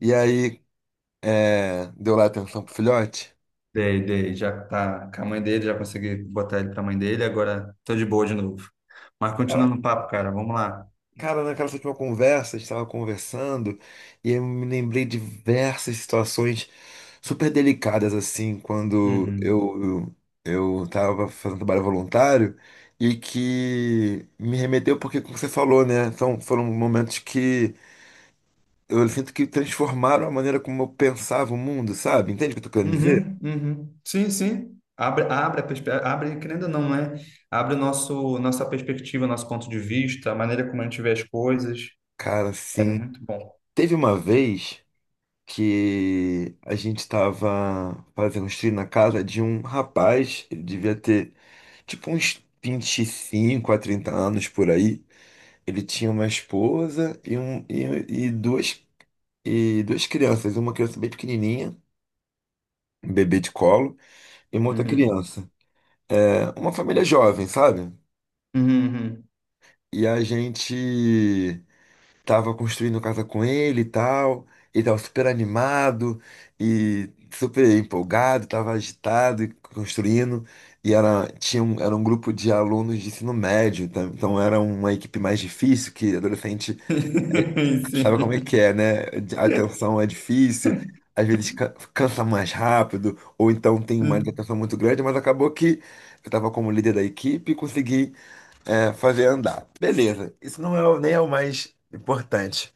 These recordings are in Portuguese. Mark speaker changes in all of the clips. Speaker 1: E aí, deu lá atenção pro filhote?
Speaker 2: Dei, já tá com a mãe dele, já consegui botar ele pra mãe dele, agora tô de boa de novo. Mas
Speaker 1: Cara,
Speaker 2: continuando o papo, cara, vamos lá.
Speaker 1: cara, naquela última conversa, a gente estava conversando e eu me lembrei de diversas situações super delicadas, assim, quando
Speaker 2: Uhum.
Speaker 1: eu, estava fazendo trabalho voluntário e que me remeteu, porque, como você falou, né, foram momentos que eu sinto que transformaram a maneira como eu pensava o mundo, sabe? Entende o que eu tô querendo dizer?
Speaker 2: Uhum, uhum. Sim, sim. Abre, querendo ou não, né? Abre nossa perspectiva, nosso ponto de vista, a maneira como a gente vê as coisas.
Speaker 1: Cara,
Speaker 2: É
Speaker 1: sim.
Speaker 2: muito bom.
Speaker 1: Teve uma vez que a gente estava fazendo uns trilhos na casa de um rapaz. Ele devia ter tipo uns 25 a 30 anos por aí. Ele tinha uma esposa e duas crianças, uma criança bem pequenininha, um bebê de colo, e uma outra
Speaker 2: Uhum.
Speaker 1: criança. É uma família jovem, sabe?
Speaker 2: Uhum, uhum.
Speaker 1: E a gente tava construindo casa com ele e tal. Ele tava super animado e super empolgado, tava agitado e construindo. E era, tinha um, era um grupo de alunos de ensino médio, tá? Então era uma equipe mais difícil, que adolescente sabe como é que é, né? A atenção é difícil, às vezes cansa mais rápido, ou então tem uma
Speaker 2: Sim.
Speaker 1: atenção muito grande, mas acabou que eu tava como líder da equipe e consegui, fazer andar. Beleza, isso não é, nem é o mais importante.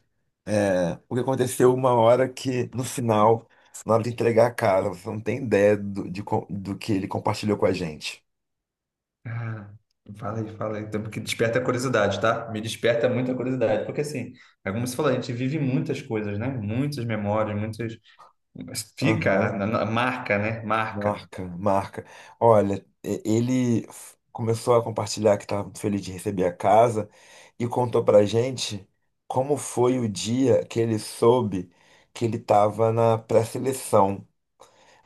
Speaker 1: O que aconteceu uma hora que, no final, na hora de entregar a cara, você não tem ideia do que ele compartilhou com a gente.
Speaker 2: Cara, fala aí. Então, porque desperta a curiosidade, tá? Me desperta muita curiosidade. Porque, assim, é como você falou, a gente vive muitas coisas, né? Muitas memórias, muitas. Mas fica,
Speaker 1: Aham,
Speaker 2: marca, né? Marca.
Speaker 1: marca, marca. Olha, ele começou a compartilhar que estava feliz de receber a casa e contou pra gente como foi o dia que ele soube que ele estava na pré-seleção.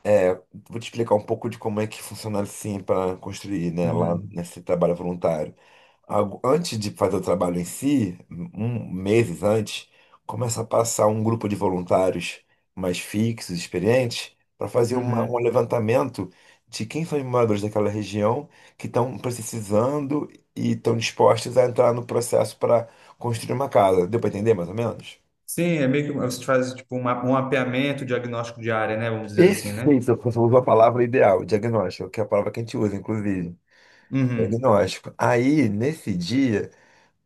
Speaker 1: É, vou te explicar um pouco de como é que funciona assim para construir, né, lá
Speaker 2: Uhum.
Speaker 1: nesse trabalho voluntário. Antes de fazer o trabalho em si, meses antes, começa a passar um grupo de voluntários mais fixos, experientes, para fazer um
Speaker 2: Uhum.
Speaker 1: levantamento de quem são os moradores daquela região que estão precisando e estão dispostos a entrar no processo para construir uma casa. Deu para entender mais ou menos?
Speaker 2: Sim, é meio que um, você faz tipo um mapeamento diagnóstico de área, né? Vamos dizer assim, né?
Speaker 1: Perfeito, você usou a palavra ideal, diagnóstico, que é a palavra que a gente usa, inclusive. É
Speaker 2: Uhum.
Speaker 1: Agnóstico. Aí, nesse dia,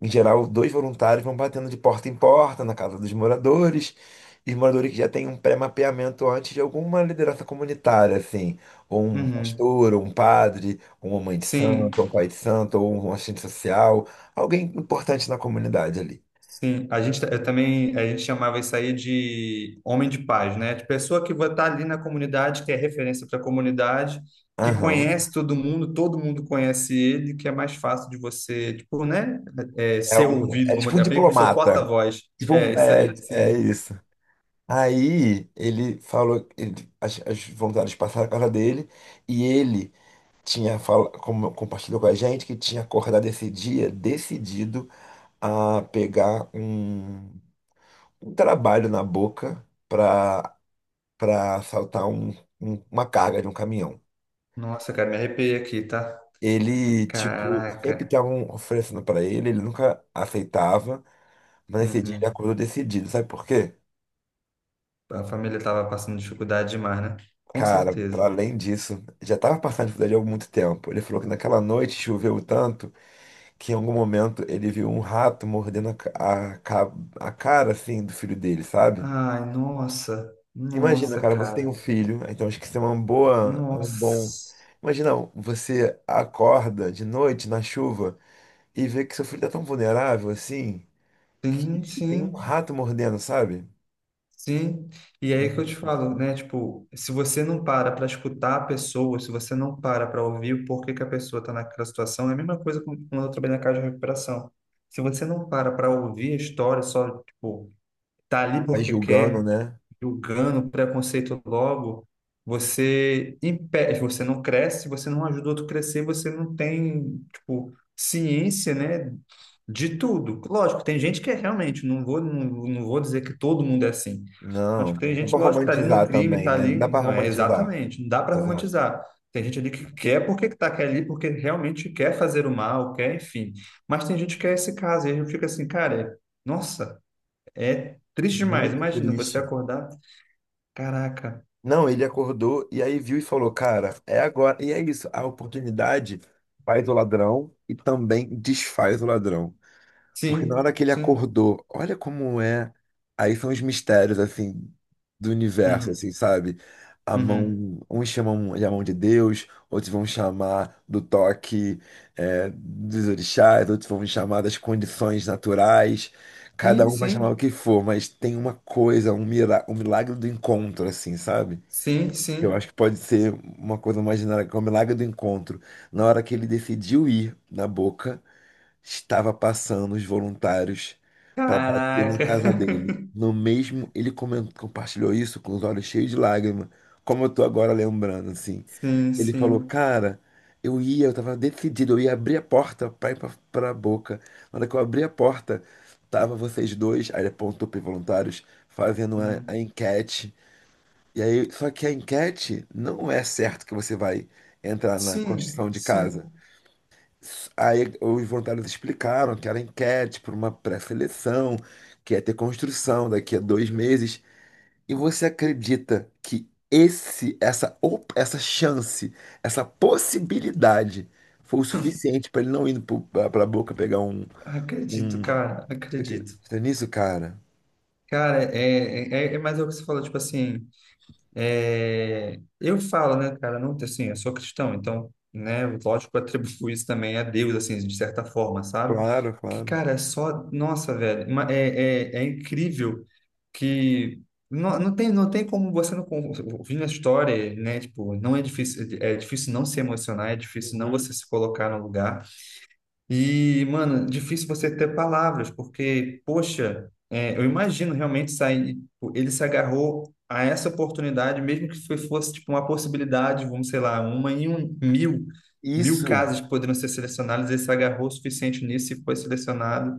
Speaker 1: em geral, dois voluntários vão batendo de porta em porta na casa dos moradores, e os moradores que já têm um pré-mapeamento antes de alguma liderança comunitária, assim, ou um
Speaker 2: Uhum.
Speaker 1: pastor, ou um padre, ou uma mãe de
Speaker 2: Sim.
Speaker 1: santo, ou um pai de santo, ou um assistente social, alguém importante na comunidade ali.
Speaker 2: Eu também a gente chamava isso aí de homem de paz, né? De pessoa que vai estar ali na comunidade, que é referência para a comunidade, que
Speaker 1: Aham.
Speaker 2: conhece todo mundo conhece ele, que é mais fácil de você, tipo, né? É,
Speaker 1: É
Speaker 2: ser
Speaker 1: um,
Speaker 2: ouvido,
Speaker 1: é
Speaker 2: vamos
Speaker 1: tipo um
Speaker 2: dizer, é meio que o seu
Speaker 1: diplomata.
Speaker 2: porta-voz.
Speaker 1: Tipo
Speaker 2: É,
Speaker 1: um,
Speaker 2: isso aí,
Speaker 1: é
Speaker 2: sim.
Speaker 1: isso. Aí ele falou, as voluntárias passaram a casa dele e ele compartilhou com a gente que tinha acordado esse dia decidido a pegar um trabalho na boca para assaltar uma carga de um caminhão.
Speaker 2: Nossa, cara, me arrepiei aqui, tá?
Speaker 1: Ele, tipo, sempre
Speaker 2: Caraca.
Speaker 1: estavam oferecendo para ele, ele nunca aceitava, mas nesse dia ele
Speaker 2: Uhum.
Speaker 1: acordou decidido. Sabe por quê?
Speaker 2: A família tava passando dificuldade demais, né? Com
Speaker 1: Cara,
Speaker 2: certeza.
Speaker 1: para além disso, já estava passando dificuldade há muito tempo. Ele falou que naquela noite choveu tanto que em algum momento ele viu um rato mordendo a, ca- a cara, assim, do filho dele, sabe?
Speaker 2: Ai, nossa,
Speaker 1: Imagina,
Speaker 2: nossa,
Speaker 1: cara, você tem um
Speaker 2: cara,
Speaker 1: filho, então acho que isso é uma boa, é um bom...
Speaker 2: nossa.
Speaker 1: Imagina, você acorda de noite na chuva e vê que seu filho tá tão vulnerável, assim,
Speaker 2: Sim,
Speaker 1: que tem um
Speaker 2: sim,
Speaker 1: rato mordendo, sabe?
Speaker 2: sim. E é aí que eu te falo, né? Tipo, se você não para para escutar a pessoa, se você não para para ouvir o porquê que a pessoa está naquela situação, é a mesma quando eu trabalhei na casa de recuperação. Se você não para para ouvir a história, só, tipo, tá ali
Speaker 1: Vai
Speaker 2: porque
Speaker 1: julgando,
Speaker 2: quer,
Speaker 1: né?
Speaker 2: julgando, preconceito logo, você impede, você não cresce, você não ajuda o outro a crescer, você não tem, tipo, ciência, né, de tudo. Lógico, tem gente que é realmente, não vou dizer que todo mundo é assim.
Speaker 1: Não,
Speaker 2: Acho que tem
Speaker 1: não dá
Speaker 2: gente,
Speaker 1: pra
Speaker 2: lógico, que tá ali no
Speaker 1: romantizar
Speaker 2: crime,
Speaker 1: também,
Speaker 2: tá
Speaker 1: né? Não dá
Speaker 2: ali,
Speaker 1: pra
Speaker 2: não é
Speaker 1: romantizar.
Speaker 2: exatamente, não dá para
Speaker 1: Exato.
Speaker 2: romantizar. Tem gente ali que quer ali, porque realmente quer fazer o mal, quer, enfim. Mas tem gente que é esse caso, e aí eu fico assim, cara, nossa, é triste demais.
Speaker 1: Muito
Speaker 2: Imagina você
Speaker 1: triste.
Speaker 2: acordar. Caraca.
Speaker 1: Não, ele acordou e aí viu e falou, cara, é agora. E é isso, a oportunidade faz o ladrão e também desfaz o ladrão. Porque na hora
Speaker 2: Sim,
Speaker 1: que ele
Speaker 2: sim.
Speaker 1: acordou, olha como é. Aí são os mistérios, assim, do universo,
Speaker 2: Uhum,
Speaker 1: assim, sabe? A
Speaker 2: uhum.
Speaker 1: mão, uns chamam de a mão de Deus, outros vão chamar do toque, é, dos orixás, outros vão chamar das condições naturais. Cada
Speaker 2: Sim,
Speaker 1: um vai chamar o
Speaker 2: sim.
Speaker 1: que for, mas tem uma coisa, um milagre do encontro, assim, sabe?
Speaker 2: Sim,
Speaker 1: Eu acho
Speaker 2: sim.
Speaker 1: que pode ser uma coisa imaginária, que é o milagre do encontro. Na hora que ele decidiu ir na Boca, estava passando os voluntários para bater na
Speaker 2: Caraca.
Speaker 1: casa dele. No mesmo, ele compartilhou isso com os olhos cheios de lágrimas, como eu tô agora lembrando, assim.
Speaker 2: Sim,
Speaker 1: Ele falou,
Speaker 2: sim.
Speaker 1: cara, eu ia, eu tava decidido, eu ia abrir a porta pra ir pra, pra boca. Na hora que eu abri a porta, tava vocês dois, aí ele apontou pros voluntários, fazendo a
Speaker 2: Hum.
Speaker 1: enquete. E aí, só que a enquete não é certo que você vai entrar na
Speaker 2: Sim,
Speaker 1: construção de casa.
Speaker 2: sim.
Speaker 1: Aí os voluntários explicaram que era enquete para uma pré-seleção, que ia ter construção daqui a 2 meses. E você acredita que essa chance, essa possibilidade foi o suficiente para ele não ir para a boca pegar um,
Speaker 2: Acredito,
Speaker 1: um...
Speaker 2: cara.
Speaker 1: Você
Speaker 2: Acredito.
Speaker 1: acredita nisso, cara?
Speaker 2: Cara, é mais o que você falou, tipo assim. É, eu falo, né, cara, não, assim, eu sou cristão, então, né, lógico, eu atribuo isso também a Deus, assim, de certa forma, sabe?
Speaker 1: Claro,
Speaker 2: Que,
Speaker 1: claro.
Speaker 2: cara, é só, nossa, velho, é incrível que não tem, não tem como você não con- ouvindo a história, né, tipo, não é difícil, é difícil não se emocionar, é difícil não você
Speaker 1: Uhum.
Speaker 2: se colocar no lugar, e, mano, difícil você ter palavras, porque, poxa, é, eu imagino realmente sair. Tipo, ele se agarrou a essa oportunidade, mesmo que fosse tipo uma possibilidade, vamos, sei lá, uma em um mil, mil
Speaker 1: Isso,
Speaker 2: casos que poderiam ser selecionados, ele se agarrou o suficiente nisso e foi selecionado.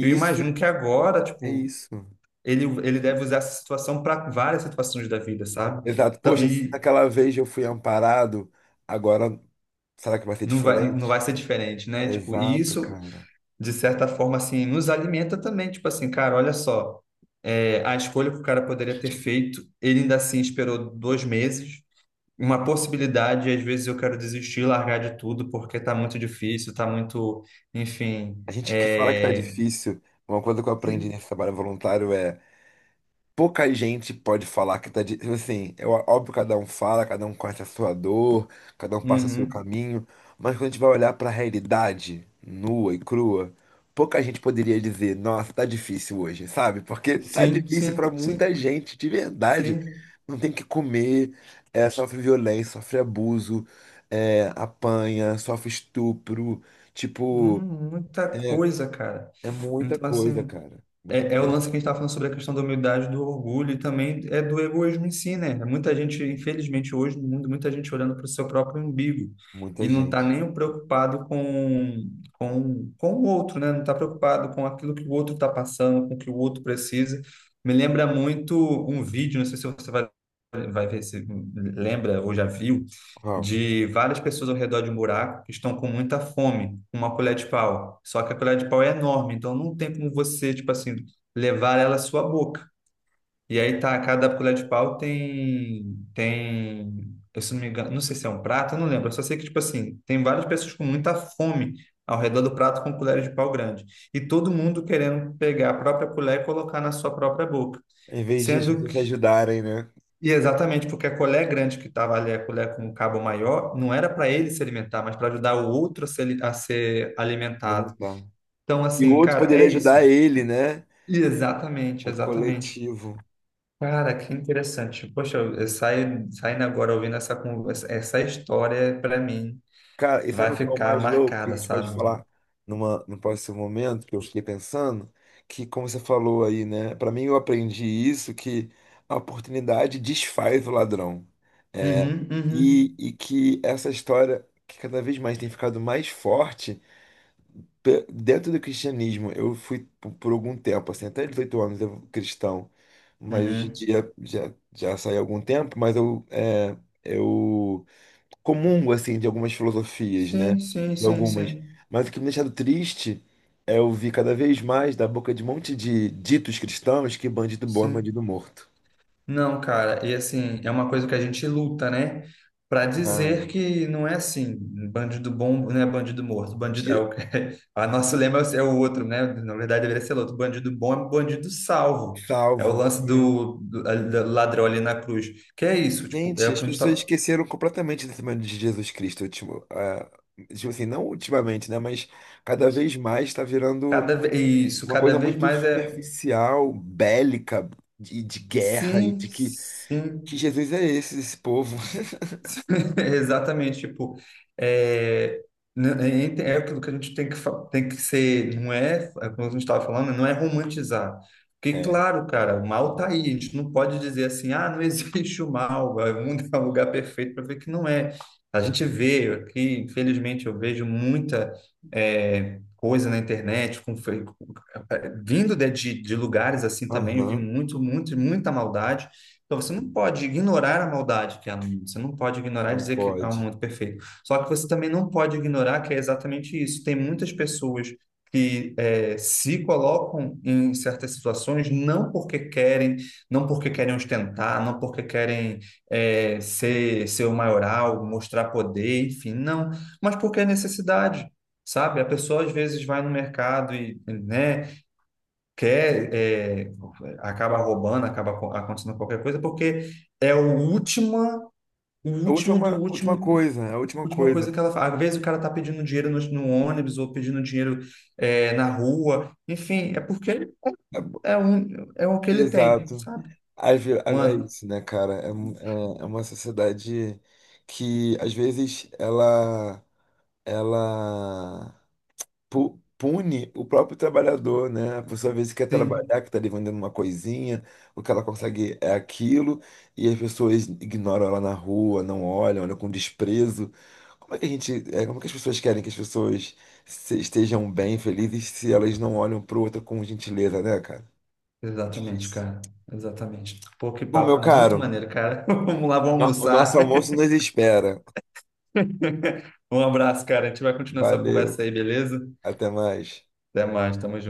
Speaker 2: Eu imagino que agora,
Speaker 1: é
Speaker 2: tipo,
Speaker 1: isso.
Speaker 2: ele deve usar essa situação para várias situações da vida, sabe?
Speaker 1: Exato.
Speaker 2: Então,
Speaker 1: Poxa, se
Speaker 2: e
Speaker 1: naquela vez eu fui amparado, agora será que vai ser
Speaker 2: não vai
Speaker 1: diferente?
Speaker 2: ser diferente, né? Tipo, e
Speaker 1: Exato,
Speaker 2: isso
Speaker 1: cara.
Speaker 2: de certa forma, assim, nos alimenta também. Tipo assim, cara, olha só, é, a escolha que o cara poderia ter feito, ele ainda assim esperou 2 meses. Uma possibilidade, às vezes eu quero desistir, largar de tudo, porque tá muito difícil, tá muito, enfim.
Speaker 1: A gente que fala que tá difícil, uma coisa que eu aprendi
Speaker 2: E-
Speaker 1: nesse trabalho voluntário é pouca gente pode falar que tá de, tipo assim, é óbvio que cada um fala, cada um conhece a sua dor, cada um passa o seu
Speaker 2: Uhum.
Speaker 1: caminho, mas quando a gente vai olhar pra realidade nua e crua, pouca gente poderia dizer, nossa, tá difícil hoje, sabe? Porque tá
Speaker 2: Sim,
Speaker 1: difícil pra
Speaker 2: sim, sim,
Speaker 1: muita gente, de verdade.
Speaker 2: sim.
Speaker 1: Não tem o que comer, é, sofre violência, sofre abuso, é, apanha, sofre estupro, tipo,
Speaker 2: Muita
Speaker 1: é,
Speaker 2: coisa, cara.
Speaker 1: é muita
Speaker 2: Então,
Speaker 1: coisa,
Speaker 2: assim,
Speaker 1: cara. Muita
Speaker 2: é é o
Speaker 1: coisa,
Speaker 2: lance que a gente está falando sobre a questão da humildade, do orgulho e também é do egoísmo em si, né? É Muita gente, infelizmente, hoje no mundo, muita gente olhando para o seu próprio umbigo e
Speaker 1: muita
Speaker 2: não está
Speaker 1: gente.
Speaker 2: nem preocupado com o outro, né? Não está preocupado com aquilo que o outro está passando, com o que o outro precisa. Me lembra muito um vídeo, não sei se vai ver se lembra ou já viu,
Speaker 1: Uau.
Speaker 2: de várias pessoas ao redor de um buraco que estão com muita fome, com uma colher de pau. Só que a colher de pau é enorme, então não tem como você, tipo assim, levar ela à sua boca. E aí tá, cada colher de pau tem, eu se não me engano, não sei se é um prato, eu não lembro, eu só sei que, tipo assim, tem várias pessoas com muita fome ao redor do prato com colheres de pau grande. E todo mundo querendo pegar a própria colher e colocar na sua própria boca.
Speaker 1: Em vez disso,
Speaker 2: Sendo
Speaker 1: vocês
Speaker 2: que,
Speaker 1: se ajudarem, né?
Speaker 2: e exatamente porque a colher grande que estava ali, a colher com o cabo maior, não era para ele se alimentar, mas para ajudar o outro a se ali- a ser alimentado.
Speaker 1: Alimentar.
Speaker 2: Então,
Speaker 1: E o
Speaker 2: assim,
Speaker 1: outro
Speaker 2: cara, é
Speaker 1: poderia
Speaker 2: isso.
Speaker 1: ajudar ele, né?
Speaker 2: E exatamente,
Speaker 1: O
Speaker 2: exatamente.
Speaker 1: coletivo.
Speaker 2: Cara, que interessante. Poxa, saindo agora ouvindo essa conversa, essa história para mim
Speaker 1: Cara, e
Speaker 2: vai
Speaker 1: sabe o que é o
Speaker 2: ficar
Speaker 1: mais louco? Que a
Speaker 2: marcada,
Speaker 1: gente pode
Speaker 2: sabe?
Speaker 1: falar num próximo momento, que eu fiquei pensando, que como você falou aí, né? Pra mim, eu aprendi isso, que a oportunidade desfaz o ladrão.
Speaker 2: Uhum, uhum,
Speaker 1: E que essa história que cada vez mais tem ficado mais forte dentro do cristianismo, eu fui por algum tempo, assim, até 18 anos eu cristão, mas hoje em
Speaker 2: uhum.
Speaker 1: dia já saí há algum tempo, mas eu comungo, assim, de algumas filosofias, né?
Speaker 2: Sim, sim,
Speaker 1: De
Speaker 2: sim,
Speaker 1: algumas.
Speaker 2: sim,
Speaker 1: Mas o que me deixado triste é eu ouvir cada vez mais da boca de um monte de ditos cristãos que bandido bom é bandido
Speaker 2: sim.
Speaker 1: morto.
Speaker 2: Não, cara, e assim, é uma coisa que a gente luta, né? Pra
Speaker 1: Cara,
Speaker 2: dizer que não é assim, bandido bom não é bandido morto, bandido é
Speaker 1: de-
Speaker 2: o que a nosso lema é o outro, né? Na verdade deveria ser outro, bandido bom é bandido salvo. É o
Speaker 1: salvo,
Speaker 2: lance
Speaker 1: né.
Speaker 2: do ladrão ali na cruz. Que é isso, tipo, é
Speaker 1: Gente,
Speaker 2: o que
Speaker 1: as
Speaker 2: a gente tá.
Speaker 1: pessoas esqueceram completamente da semana de Jesus Cristo, ultimo, tipo assim, não ultimamente, né? Mas cada vez mais está virando
Speaker 2: Cada vez isso,
Speaker 1: uma
Speaker 2: cada
Speaker 1: coisa
Speaker 2: vez
Speaker 1: muito
Speaker 2: mais é
Speaker 1: superficial, bélica, de, guerra e
Speaker 2: sim,
Speaker 1: de que
Speaker 2: sim.
Speaker 1: Jesus é esse, esse povo.
Speaker 2: Exatamente, tipo, é, é aquilo que a gente tem que ser, não é, é como a gente estava falando, não é romantizar. Porque,
Speaker 1: É.
Speaker 2: claro, cara, o mal tá aí, a gente não pode dizer assim, ah, não existe o mal, vai, o mundo é um lugar perfeito para ver que não é. A gente vê aqui, infelizmente, eu vejo muita é, coisa na internet, vindo de lugares assim também, vi
Speaker 1: Aham,
Speaker 2: muita maldade. Então você não pode ignorar a maldade que há no mundo, você não pode ignorar e
Speaker 1: não
Speaker 2: dizer que há um
Speaker 1: pode.
Speaker 2: mundo perfeito. Só que você também não pode ignorar que é exatamente isso. Tem muitas pessoas que eh, se colocam em certas situações não porque querem, não porque querem ostentar, não porque querem eh, ser o maioral, mostrar poder, enfim, não, mas porque é necessidade. Sabe, a pessoa às vezes vai no mercado e, né, quer, é, acaba roubando, acaba acontecendo qualquer coisa, porque é o última, o
Speaker 1: A
Speaker 2: último do
Speaker 1: última, última
Speaker 2: último,
Speaker 1: coisa, a última
Speaker 2: última
Speaker 1: coisa.
Speaker 2: coisa que ela faz. Às vezes o cara tá pedindo dinheiro no ônibus ou pedindo dinheiro é, na rua, enfim, é porque é, um, é o que ele tem,
Speaker 1: Exato.
Speaker 2: sabe?
Speaker 1: É
Speaker 2: Mano,
Speaker 1: isso, né, cara? É uma sociedade que, às vezes, ela pune o próprio trabalhador, né? A pessoa às vezes quer
Speaker 2: sim,
Speaker 1: trabalhar, que está ali vendendo uma coisinha, o que ela consegue é aquilo, e as pessoas ignoram ela na rua, não olham, olham com desprezo. Como é que a gente, como é que as pessoas querem que as pessoas estejam bem, felizes, se elas não olham para o outro com gentileza, né, cara? É
Speaker 2: exatamente,
Speaker 1: difícil.
Speaker 2: cara. Exatamente. Pô, que
Speaker 1: Bom, meu
Speaker 2: papo muito
Speaker 1: caro,
Speaker 2: maneiro, cara. Vamos lá, vamos
Speaker 1: o nosso
Speaker 2: almoçar.
Speaker 1: almoço nos espera.
Speaker 2: Um abraço, cara. A gente vai continuar essa conversa
Speaker 1: Valeu,
Speaker 2: aí, beleza?
Speaker 1: até mais.
Speaker 2: Até mais, tamo junto.